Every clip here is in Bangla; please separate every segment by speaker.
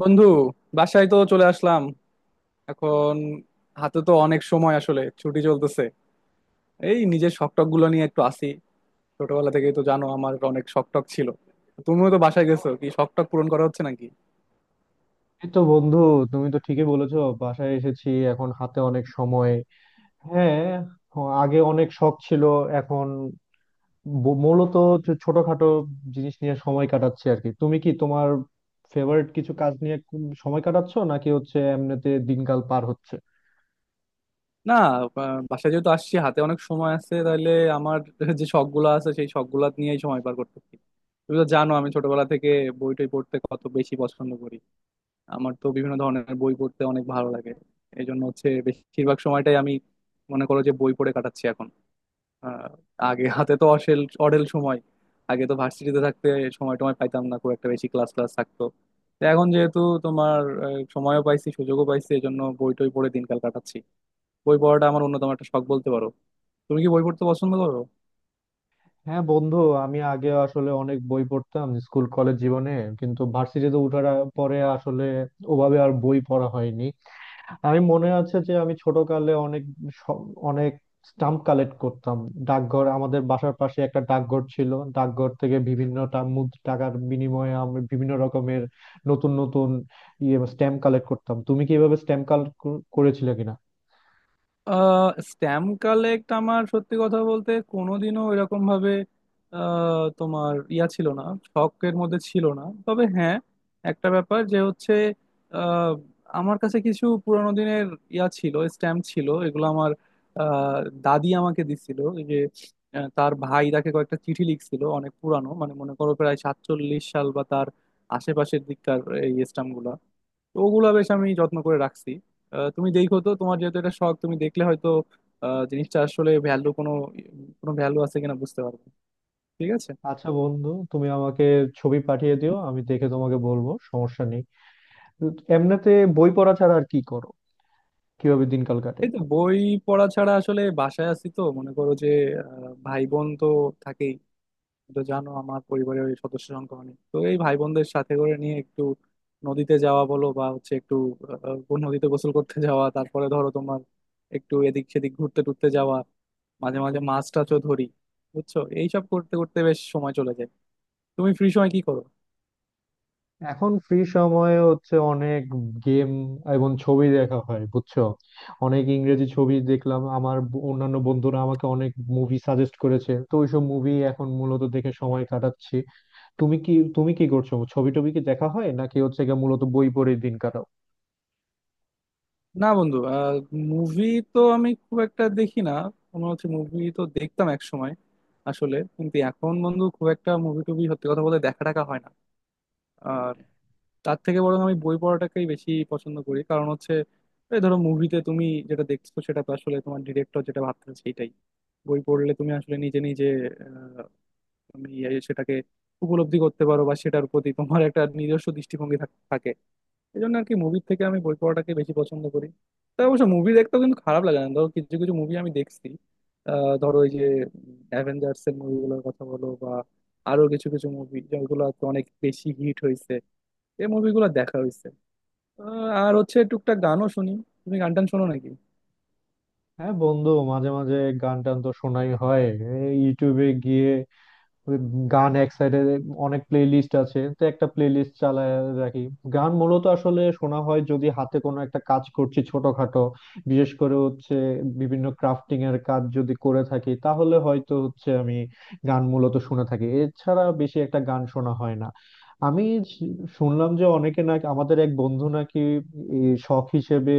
Speaker 1: বন্ধু, বাসায় তো চলে আসলাম এখন। হাতে তো অনেক সময়, আসলে ছুটি চলতেছে। এই নিজের শখ টখ গুলো নিয়ে একটু আসি। ছোটবেলা থেকেই তো জানো আমার অনেক শখ টখ ছিল। তুমিও তো বাসায় গেছো, কি শখ টখ পূরণ করা হচ্ছে নাকি?
Speaker 2: এই তো বন্ধু, তুমি তো ঠিকই বলেছো, বাসায় এসেছি, এখন হাতে অনেক সময়। হ্যাঁ, আগে অনেক শখ ছিল। এখন মূলত হচ্ছে ছোটখাটো জিনিস নিয়ে সময় কাটাচ্ছি আর কি। তুমি কি তোমার ফেভারিট কিছু কাজ নিয়ে সময় কাটাচ্ছো, নাকি হচ্ছে এমনিতে দিনকাল পার হচ্ছে?
Speaker 1: না, বাসায় যেহেতু আসছি হাতে অনেক সময় আছে, তাহলে আমার যে শখ গুলো আছে সেই শখ গুলা নিয়েই সময় পার করতেছি। তুমি তো জানো আমি ছোটবেলা থেকে বই টই পড়তে কত বেশি পছন্দ করি। আমার তো বিভিন্ন ধরনের বই পড়তে অনেক ভালো লাগে। এই জন্য হচ্ছে বেশিরভাগ সময়টাই আমি মনে করো যে বই পড়ে কাটাচ্ছি এখন। আহ, আগে হাতে তো অসেল অঢেল সময়। আগে তো ভার্সিটিতে থাকতে সময় টময় পাইতাম না, খুব একটা বেশি ক্লাস ক্লাস থাকতো। তো এখন যেহেতু তোমার সময়ও পাইছি সুযোগও পাইছি, এই জন্য বই টই পড়ে দিনকাল কাটাচ্ছি। বই পড়াটা আমার অন্যতম একটা শখ বলতে পারো। তুমি কি বই পড়তে পছন্দ করো?
Speaker 2: হ্যাঁ বন্ধু, আমি আগে আসলে অনেক বই পড়তাম স্কুল কলেজ জীবনে, কিন্তু ভার্সিটিতে ওঠার পরে আসলে ওভাবে আর বই পড়া হয়নি। আমি মনে আছে যে আমি ছোটকালে অনেক স- অনেক স্টাম্প কালেক্ট করতাম। ডাকঘর, আমাদের বাসার পাশে একটা ডাকঘর ছিল, ডাকঘর থেকে বিভিন্ন টাকার বিনিময়ে আমি বিভিন্ন রকমের নতুন নতুন ইয়ে স্ট্যাম্প কালেক্ট করতাম। তুমি কি এভাবে স্ট্যাম্প কালেক্ট করেছিলে কিনা?
Speaker 1: স্ট্যাম্প কালেক্ট আমার সত্যি কথা বলতে কোনোদিনও এরকম ভাবে তোমার ইয়া ছিল না, শখের মধ্যে ছিল না। তবে হ্যাঁ, একটা ব্যাপার যে হচ্ছে আহ, আমার কাছে কিছু পুরানো দিনের ইয়া ছিল, স্ট্যাম্প ছিল। এগুলো আমার আহ, দাদি আমাকে দিছিল। এই যে তার ভাই তাকে কয়েকটা চিঠি লিখছিল অনেক পুরানো, মানে মনে করো প্রায় 47 সাল বা তার আশেপাশের দিককার এই স্ট্যাম্প গুলা। তো ওগুলা বেশ আমি যত্ন করে রাখছি। তুমি দেখো তো, তোমার যেহেতু এটা শখ তুমি দেখলে হয়তো জিনিসটা আসলে ভ্যালু কোনো কোনো ভ্যালু আছে কিনা বুঝতে পারবে। ঠিক আছে।
Speaker 2: আচ্ছা বন্ধু, তুমি আমাকে ছবি পাঠিয়ে দিও, আমি দেখে তোমাকে বলবো, সমস্যা নেই। এমনিতে বই পড়া ছাড়া আর কি করো? কিভাবে দিনকাল কাটে?
Speaker 1: এই তো বই পড়া ছাড়া আসলে বাসায় আছি তো মনে করো যে ভাই বোন তো থাকেই। তুমি তো জানো আমার পরিবারের ওই সদস্য সংখ্যা অনেক। তো এই ভাই বোনদের সাথে করে নিয়ে একটু নদীতে যাওয়া বলো বা হচ্ছে একটু আহ, আহ, নদীতে গোসল করতে যাওয়া, তারপরে ধরো তোমার একটু এদিক সেদিক ঘুরতে টুরতে যাওয়া, মাঝে মাঝে মাছ টাছও ধরি। বুঝছো, এইসব করতে করতে বেশ সময় চলে যায়। তুমি ফ্রি সময় কি করো?
Speaker 2: এখন ফ্রি সময়ে হচ্ছে অনেক গেম এবং ছবি দেখা হয়, বুঝছো। অনেক ইংরেজি ছবি দেখলাম। আমার অন্যান্য বন্ধুরা আমাকে অনেক মুভি সাজেস্ট করেছে, তো ওইসব মুভি এখন মূলত দেখে সময় কাটাচ্ছি। তুমি কি তুমি কি করছো? ছবি টবি কি দেখা হয়, নাকি হচ্ছে গিয়ে মূলত বই পড়ে দিন কাটাও?
Speaker 1: না বন্ধু, মুভি তো আমি খুব একটা দেখি না। কোনো হচ্ছে মুভি তো দেখতাম এক সময় আসলে, কিন্তু এখন বন্ধু খুব একটা মুভি টুভি সত্যি কথা বলতে দেখা টাকা হয় না। তার থেকে বরং আমি বই পড়াটাকেই বেশি পছন্দ করি। কারণ হচ্ছে এই ধরো মুভিতে তুমি যেটা দেখছো সেটা তো আসলে তোমার ডিরেক্টর যেটা ভাবতেছে সেইটাই। বই পড়লে তুমি আসলে নিজে নিজে আহ, তুমি এই সেটাকে উপলব্ধি করতে পারো বা সেটার প্রতি তোমার একটা নিজস্ব দৃষ্টিভঙ্গি থাকে। এই জন্য আর কি মুভির থেকে আমি বই পড়াটাকে বেশি পছন্দ করি। তাই অবশ্য মুভি দেখতেও কিন্তু খারাপ লাগে না, ধরো কিছু কিছু মুভি আমি দেখছি। ধরো এই যে অ্যাভেঞ্জার্স এর মুভিগুলোর কথা বলো বা আরো কিছু কিছু মুভি যেগুলো আর কি অনেক বেশি হিট হয়েছে, এই মুভিগুলো দেখা হয়েছে। আর হচ্ছে টুকটাক গানও শুনি। তুমি গান টান শোনো নাকি?
Speaker 2: হ্যাঁ বন্ধু, মাঝে মাঝে গান টান তো শোনাই হয়। এই ইউটিউবে গিয়ে ওই গান এক সাইডে অনেক প্লে লিস্ট আছে, তো একটা প্লে লিস্ট চালায় রাখি। গান মূলত আসলে শোনা হয় যদি হাতে কোনো একটা কাজ করছি ছোটখাটো, বিশেষ করে হচ্ছে বিভিন্ন ক্রাফটিং এর কাজ যদি করে থাকি, তাহলে হয়তো হচ্ছে আমি গান মূলত শুনে থাকি। এছাড়া বেশি একটা গান শোনা হয় না। আমি শ- শুনলাম যে অনেকে নাকি, আমাদের এক বন্ধু নাকি এই শখ হিসেবে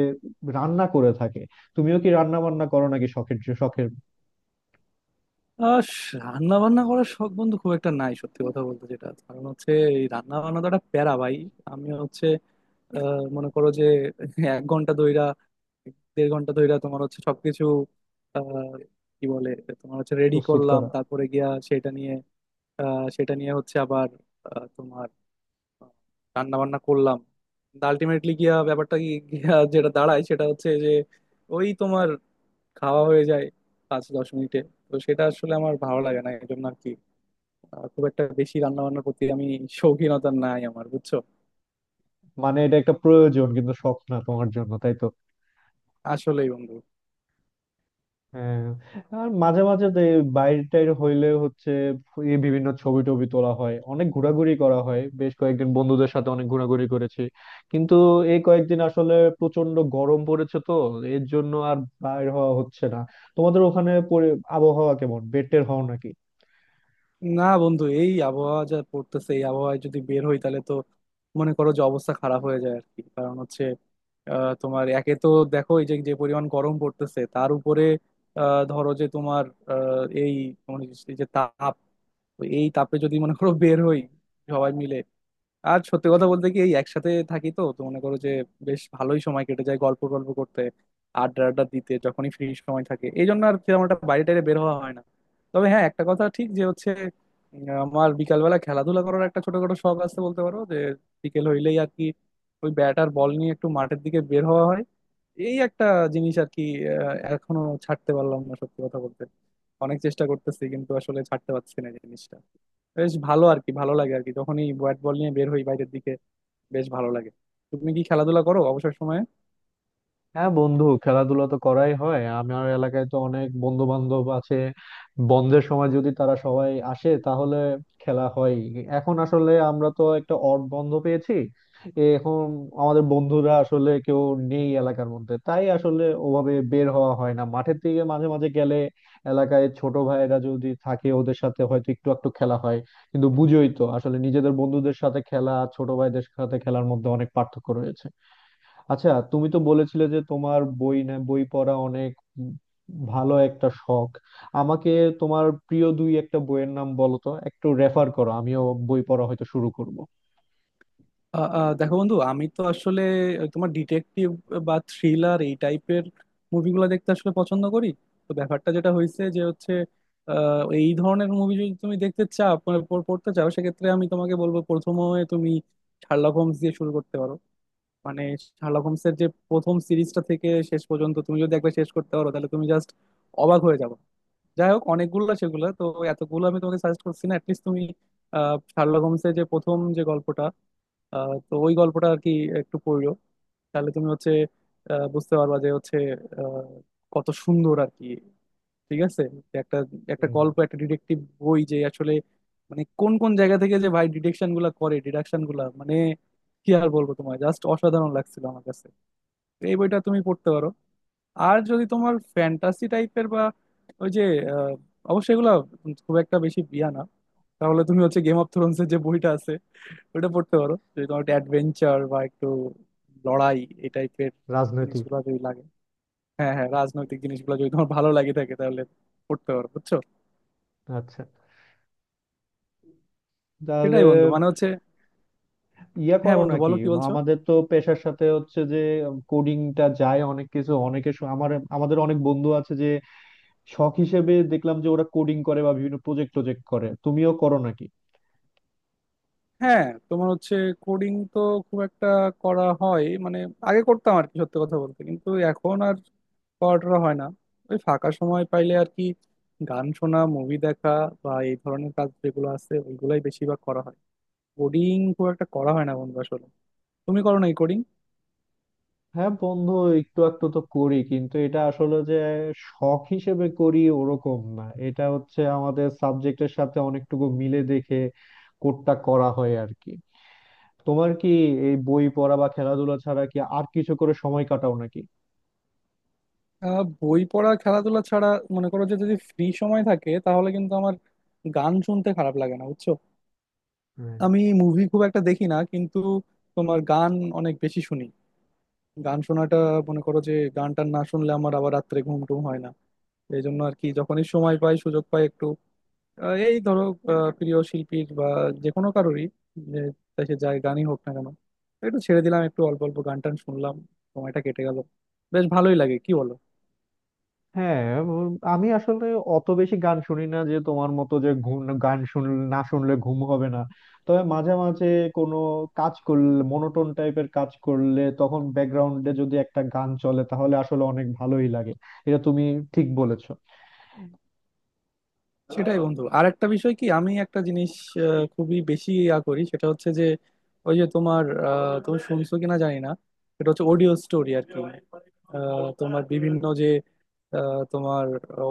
Speaker 2: রান্না করে থাকে। তুমিও কি রান্না বান্না করো নাকি? শখের শখের
Speaker 1: আহ রান্না বান্না করার শখ বন্ধু খুব একটা নাই সত্যি কথা বলতে। যেটা কারণ হচ্ছে এই রান্না বান্না তো একটা প্যারা ভাই। আমি হচ্ছে মনে করো যে 1 ঘন্টা ধইরা, দেড় ঘন্টা ধইরা তোমার হচ্ছে সবকিছু আহ, কি বলে তোমার হচ্ছে রেডি
Speaker 2: প্রস্তুত
Speaker 1: করলাম,
Speaker 2: করা,
Speaker 1: তারপরে গিয়া সেটা নিয়ে সেটা নিয়ে হচ্ছে আবার তোমার রান্না বান্না করলাম। আলটিমেটলি গিয়া ব্যাপারটা গিয়া যেটা দাঁড়ায় সেটা হচ্ছে যে ওই তোমার খাওয়া হয়ে যায় পাঁচ দশ মিনিটে। তো সেটা আসলে আমার ভালো লাগে না। এই জন্য আর কি খুব একটা বেশি রান্না বান্নার প্রতি আমি শৌখিনতা নাই আমার, বুঝছো।
Speaker 2: মানে এটা একটা প্রয়োজন কিন্তু শখ না তোমার জন্য, তাই তো?
Speaker 1: আসলেই বন্ধু।
Speaker 2: হ্যাঁ। আর মাঝে মাঝে তো এই বাইরে টাইরে হইলে হচ্ছে এই বিভিন্ন ছবি টবি তোলা হয়, অনেক ঘোরাঘুরি করা হয়। বেশ কয়েকদিন বন্ধুদের সাথে অনেক ঘোরাঘুরি করেছি, কিন্তু এই কয়েকদিন আসলে প্রচন্ড গরম পড়েছে, তো এর জন্য আর বাইর হওয়া হচ্ছে না। তোমাদের ওখানে আবহাওয়া কেমন, বের টের হও নাকি?
Speaker 1: না বন্ধু, এই আবহাওয়া যা পড়তেছে এই আবহাওয়ায় যদি বের হই তাহলে তো মনে করো যে অবস্থা খারাপ হয়ে যায় আর কি। কারণ হচ্ছে তোমার একে তো দেখো এই যে যে পরিমাণ গরম পড়তেছে তার উপরে ধরো যে তোমার আহ, এই তোমার এই যে তাপ, তো এই তাপে যদি মনে করো বের হই সবাই মিলে। আর সত্যি কথা বলতে কি এই একসাথে থাকি তো তো মনে করো যে বেশ ভালোই সময় কেটে যায় গল্প গল্প করতে, আড্ডা আড্ডা দিতে যখনই ফ্রি সময় থাকে। এই জন্য আর সেরকম একটা বাইরে টাইরে বের হওয়া হয় না। তবে হ্যাঁ, একটা কথা ঠিক যে হচ্ছে আমার বিকালবেলা খেলাধুলা করার একটা ছোটখাটো শখ আছে বলতে পারো যে বিকেল হইলেই আর কি ওই ব্যাট আর বল নিয়ে একটু মাঠের দিকে বের হওয়া হয়। এই একটা জিনিস আর কি এখনো ছাড়তে পারলাম না সত্যি কথা বলতে। অনেক চেষ্টা করতেছি কিন্তু আসলে ছাড়তে পারছি না জিনিসটা। বেশ ভালো আর কি, ভালো লাগে আর কি যখনই ব্যাট বল নিয়ে বের হই বাইরের দিকে, বেশ ভালো লাগে। তুমি কি খেলাধুলা করো অবসর সময়ে?
Speaker 2: হ্যাঁ বন্ধু, খেলাধুলা তো করাই হয়। আমার এলাকায় তো অনেক বন্ধু বান্ধব আছে, বন্ধের সময় যদি তারা সবাই আসে তাহলে খেলা হয়। এখন আসলে আমরা তো একটা অড বন্ধ পেয়েছি। এ এখন আমাদের বন্ধুরা আসলে কেউ নেই এলাকার মধ্যে, তাই আসলে ওভাবে বের হওয়া হয় না মাঠের দিকে। মাঝে মাঝে গেলে এলাকায় ছোট ভাইয়েরা যদি থাকে, ওদের সাথে হয়তো একটু একটু খেলা হয়, কিন্তু বুঝোই তো আসলে নিজেদের বন্ধুদের সাথে খেলা আর ছোট ভাইদের সাথে খেলার মধ্যে অনেক পার্থক্য রয়েছে। আচ্ছা, তুমি তো বলেছিলে যে তোমার বই না, বই পড়া অনেক উম ভালো একটা শখ। আমাকে তোমার প্রিয় দুই একটা বইয়ের নাম বলো তো, একটু রেফার করো, আমিও বই পড়া হয়তো শুরু করব।
Speaker 1: আ, আ, দেখো বন্ধু, আমি তো আসলে তোমার ডিটেকটিভ বা থ্রিলার এই টাইপের মুভিগুলো দেখতে আসলে পছন্দ করি। তো ব্যাপারটা যেটা হয়েছে যে হচ্ছে আ, এই ধরনের মুভি যদি তুমি দেখতে চাও, মানে পড়তে চাও, সেক্ষেত্রে আমি তোমাকে বলবো প্রথমে তুমি শার্লক হোমস দিয়ে শুরু করতে পারো। মানে শার্লক হোমসের যে প্রথম সিরিজটা থেকে শেষ পর্যন্ত তুমি যদি একবার শেষ করতে পারো তাহলে তুমি জাস্ট অবাক হয়ে যাবে। যাই হোক, অনেকগুলো সেগুলো তো, এতগুলো আমি তোমাকে সাজেস্ট করছি না। অ্যাটলিস্ট তুমি শার্লক হোমসের যে প্রথম যে গল্পটা তো ওই গল্পটা আর কি একটু পড়লো তাহলে তুমি হচ্ছে বুঝতে পারবা যে হচ্ছে আহ, কত সুন্দর আর কি। ঠিক আছে। যে একটা, একটা
Speaker 2: হুম,
Speaker 1: গল্প, একটা ডিটেকটিভ বই যে আসলে মানে কোন কোন জায়গা থেকে যে ভাই ডিটেকশন গুলা করে, ডিডাকশন গুলা মানে কি আর বলবো তোমায়, জাস্ট অসাধারণ লাগছিল আমার কাছে। তো এই বইটা তুমি পড়তে পারো। আর যদি তোমার ফ্যান্টাসি টাইপের বা ওই যে আহ, অবশ্যই এগুলা খুব একটা বেশি বিয়া না, তাহলে তুমি হচ্ছে গেম অফ থ্রোনস এর যে বইটা আছে ওটা পড়তে পারো, যদি তোমার একটু অ্যাডভেঞ্চার বা একটু লড়াই এই টাইপের
Speaker 2: রাজনৈতিক।
Speaker 1: জিনিসগুলো যদি লাগে। হ্যাঁ হ্যাঁ, রাজনৈতিক জিনিসগুলো যদি তোমার ভালো লাগে থাকে তাহলে পড়তে পারো, বুঝছো।
Speaker 2: আচ্ছা,
Speaker 1: সেটাই
Speaker 2: তাহলে
Speaker 1: বন্ধু মানে হচ্ছে।
Speaker 2: ইয়া
Speaker 1: হ্যাঁ
Speaker 2: করো
Speaker 1: বন্ধু,
Speaker 2: নাকি?
Speaker 1: বলো, কি বলছো?
Speaker 2: আমাদের তো পেশার সাথে হচ্ছে যে কোডিংটা যায়, অনেক কিছু অনেকে আমার, আমাদের অনেক বন্ধু আছে যে শখ হিসেবে দেখলাম যে ওরা কোডিং করে বা বিভিন্ন প্রজেক্ট প্রজেক্ট করে। তুমিও করো নাকি?
Speaker 1: হ্যাঁ, তোমার হচ্ছে কোডিং তো খুব একটা করা হয়, মানে আগে করতাম আর কি সত্যি কথা বলতে, কিন্তু এখন আর করাটা হয় না। ওই ফাঁকা সময় পাইলে আর কি গান শোনা, মুভি দেখা বা এই ধরনের কাজ যেগুলো আছে ওইগুলাই বেশিরভাগ করা হয়। কোডিং খুব একটা করা হয় না বন্ধু আসলে। তুমি করো নাই কোডিং?
Speaker 2: হ্যাঁ বন্ধু, একটু একটু তো করি, কিন্তু এটা আসলে যে শখ হিসেবে করি ওরকম না, এটা হচ্ছে আমাদের সাবজেক্টের সাথে অনেকটুকু মিলে দেখে কোডটা করা হয় আর কি। তোমার কি এই বই পড়া বা খেলাধুলা ছাড়া কি আর কিছু করে সময় কাটাও নাকি?
Speaker 1: বই পড়া, খেলাধুলা ছাড়া মনে করো যে যদি ফ্রি সময় থাকে তাহলে কিন্তু আমার গান শুনতে খারাপ লাগে না, বুঝছো। আমি মুভি খুব একটা দেখি না, কিন্তু তোমার গান অনেক বেশি শুনি। গান শোনাটা মনে করো যে গানটা না শুনলে আমার আবার রাত্রে ঘুম টুম হয় না। এই জন্য আর কি যখনই সময় পাই সুযোগ পাই একটু এই ধরো প্রিয় শিল্পীর বা যে কোনো কারোরই যে, তাই সে যায় গানই হোক না কেন, একটু ছেড়ে দিলাম একটু অল্প অল্প গান টান শুনলাম, সময়টা কেটে গেল। বেশ ভালোই লাগে কি বলো?
Speaker 2: হ্যাঁ। উম, আমি আসলে অত বেশি গান শুনি না যে তোমার মতো, যে ঘুম, গান শুনলে না শুনলে ঘুম হবে না। তবে মাঝে মাঝে কোনো কাজ করলে, মনোটোন টাইপের কাজ করলে, তখন ব্যাকগ্রাউন্ডে যদি একটা গান চলে, তাহলে আসলে অনেক ভালোই লাগে। এটা তুমি ঠিক বলেছো।
Speaker 1: সেটাই বন্ধু। আর একটা বিষয় কি, আমি একটা জিনিস খুবই বেশি ইয়া করি সেটা হচ্ছে যে ওই যে তোমার তুমি শুনছো কিনা জানি না, সেটা হচ্ছে অডিও স্টোরি আর কি। তোমার বিভিন্ন যে তোমার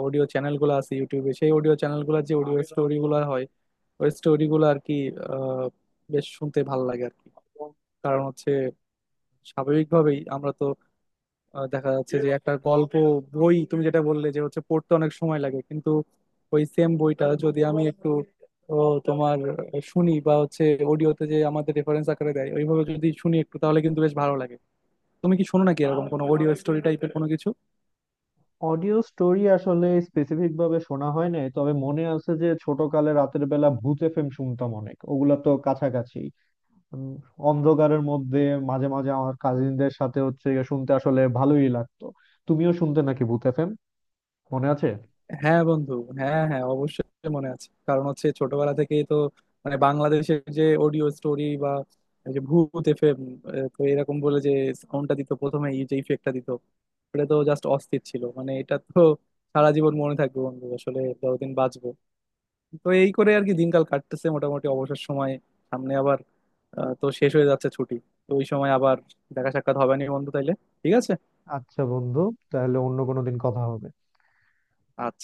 Speaker 1: অডিও চ্যানেল গুলো আছে ইউটিউবে, সেই অডিও চ্যানেল গুলো যে অডিও স্টোরি গুলো হয় ওই স্টোরি গুলো আর কি আহ, বেশ শুনতে ভালো লাগে আর কি। কারণ হচ্ছে স্বাভাবিকভাবেই আমরা তো দেখা যাচ্ছে যে একটা গল্প বই তুমি যেটা বললে যে হচ্ছে পড়তে অনেক সময় লাগে, কিন্তু ওই সেম বইটা যদি আমি একটু ও, তোমার শুনি বা হচ্ছে অডিওতে যে আমাদের রেফারেন্স আকারে দেয় ওইভাবে যদি শুনি একটু, তাহলে কিন্তু বেশ ভালো লাগে। তুমি কি শোনো নাকি এরকম কোনো অডিও স্টোরি টাইপের কোনো কিছু?
Speaker 2: অডিও স্টোরি আসলে স্পেসিফিক ভাবে শোনা হয় নাই, তবে মনে আছে যে ছোটকালে রাতের বেলা ভূত এফএম শুনতাম অনেক, ওগুলা তো কাছাকাছি। উম, অন্ধকারের মধ্যে মাঝে মাঝে আমার কাজিনদের সাথে হচ্ছে গিয়ে শুনতে আসলে ভালোই লাগতো। তুমিও শুনতে নাকি ভূত এফএম, মনে আছে?
Speaker 1: হ্যাঁ বন্ধু, হ্যাঁ হ্যাঁ অবশ্যই মনে আছে। কারণ হচ্ছে ছোটবেলা থেকেই তো মানে বাংলাদেশের যে অডিও স্টোরি বা এই যে ভূত এফএম, তো এরকম বলে যে সাউন্ডটা দিত প্রথমে এই যে ইফেক্টটা দিত, এটা তো জাস্ট অস্থির ছিল। মানে এটা তো সারা জীবন মনে থাকবে বন্ধু আসলে, যতদিন বাঁচবো। তো এই করে আর কি দিনকাল কাটতেছে মোটামুটি অবসর সময়। সামনে আবার তো শেষ হয়ে যাচ্ছে ছুটি, তো ওই সময় আবার দেখা সাক্ষাৎ হবে না বন্ধু তাইলে। ঠিক আছে,
Speaker 2: আচ্ছা বন্ধু, তাহলে অন্য কোনো দিন কথা হবে।
Speaker 1: আচ্ছা।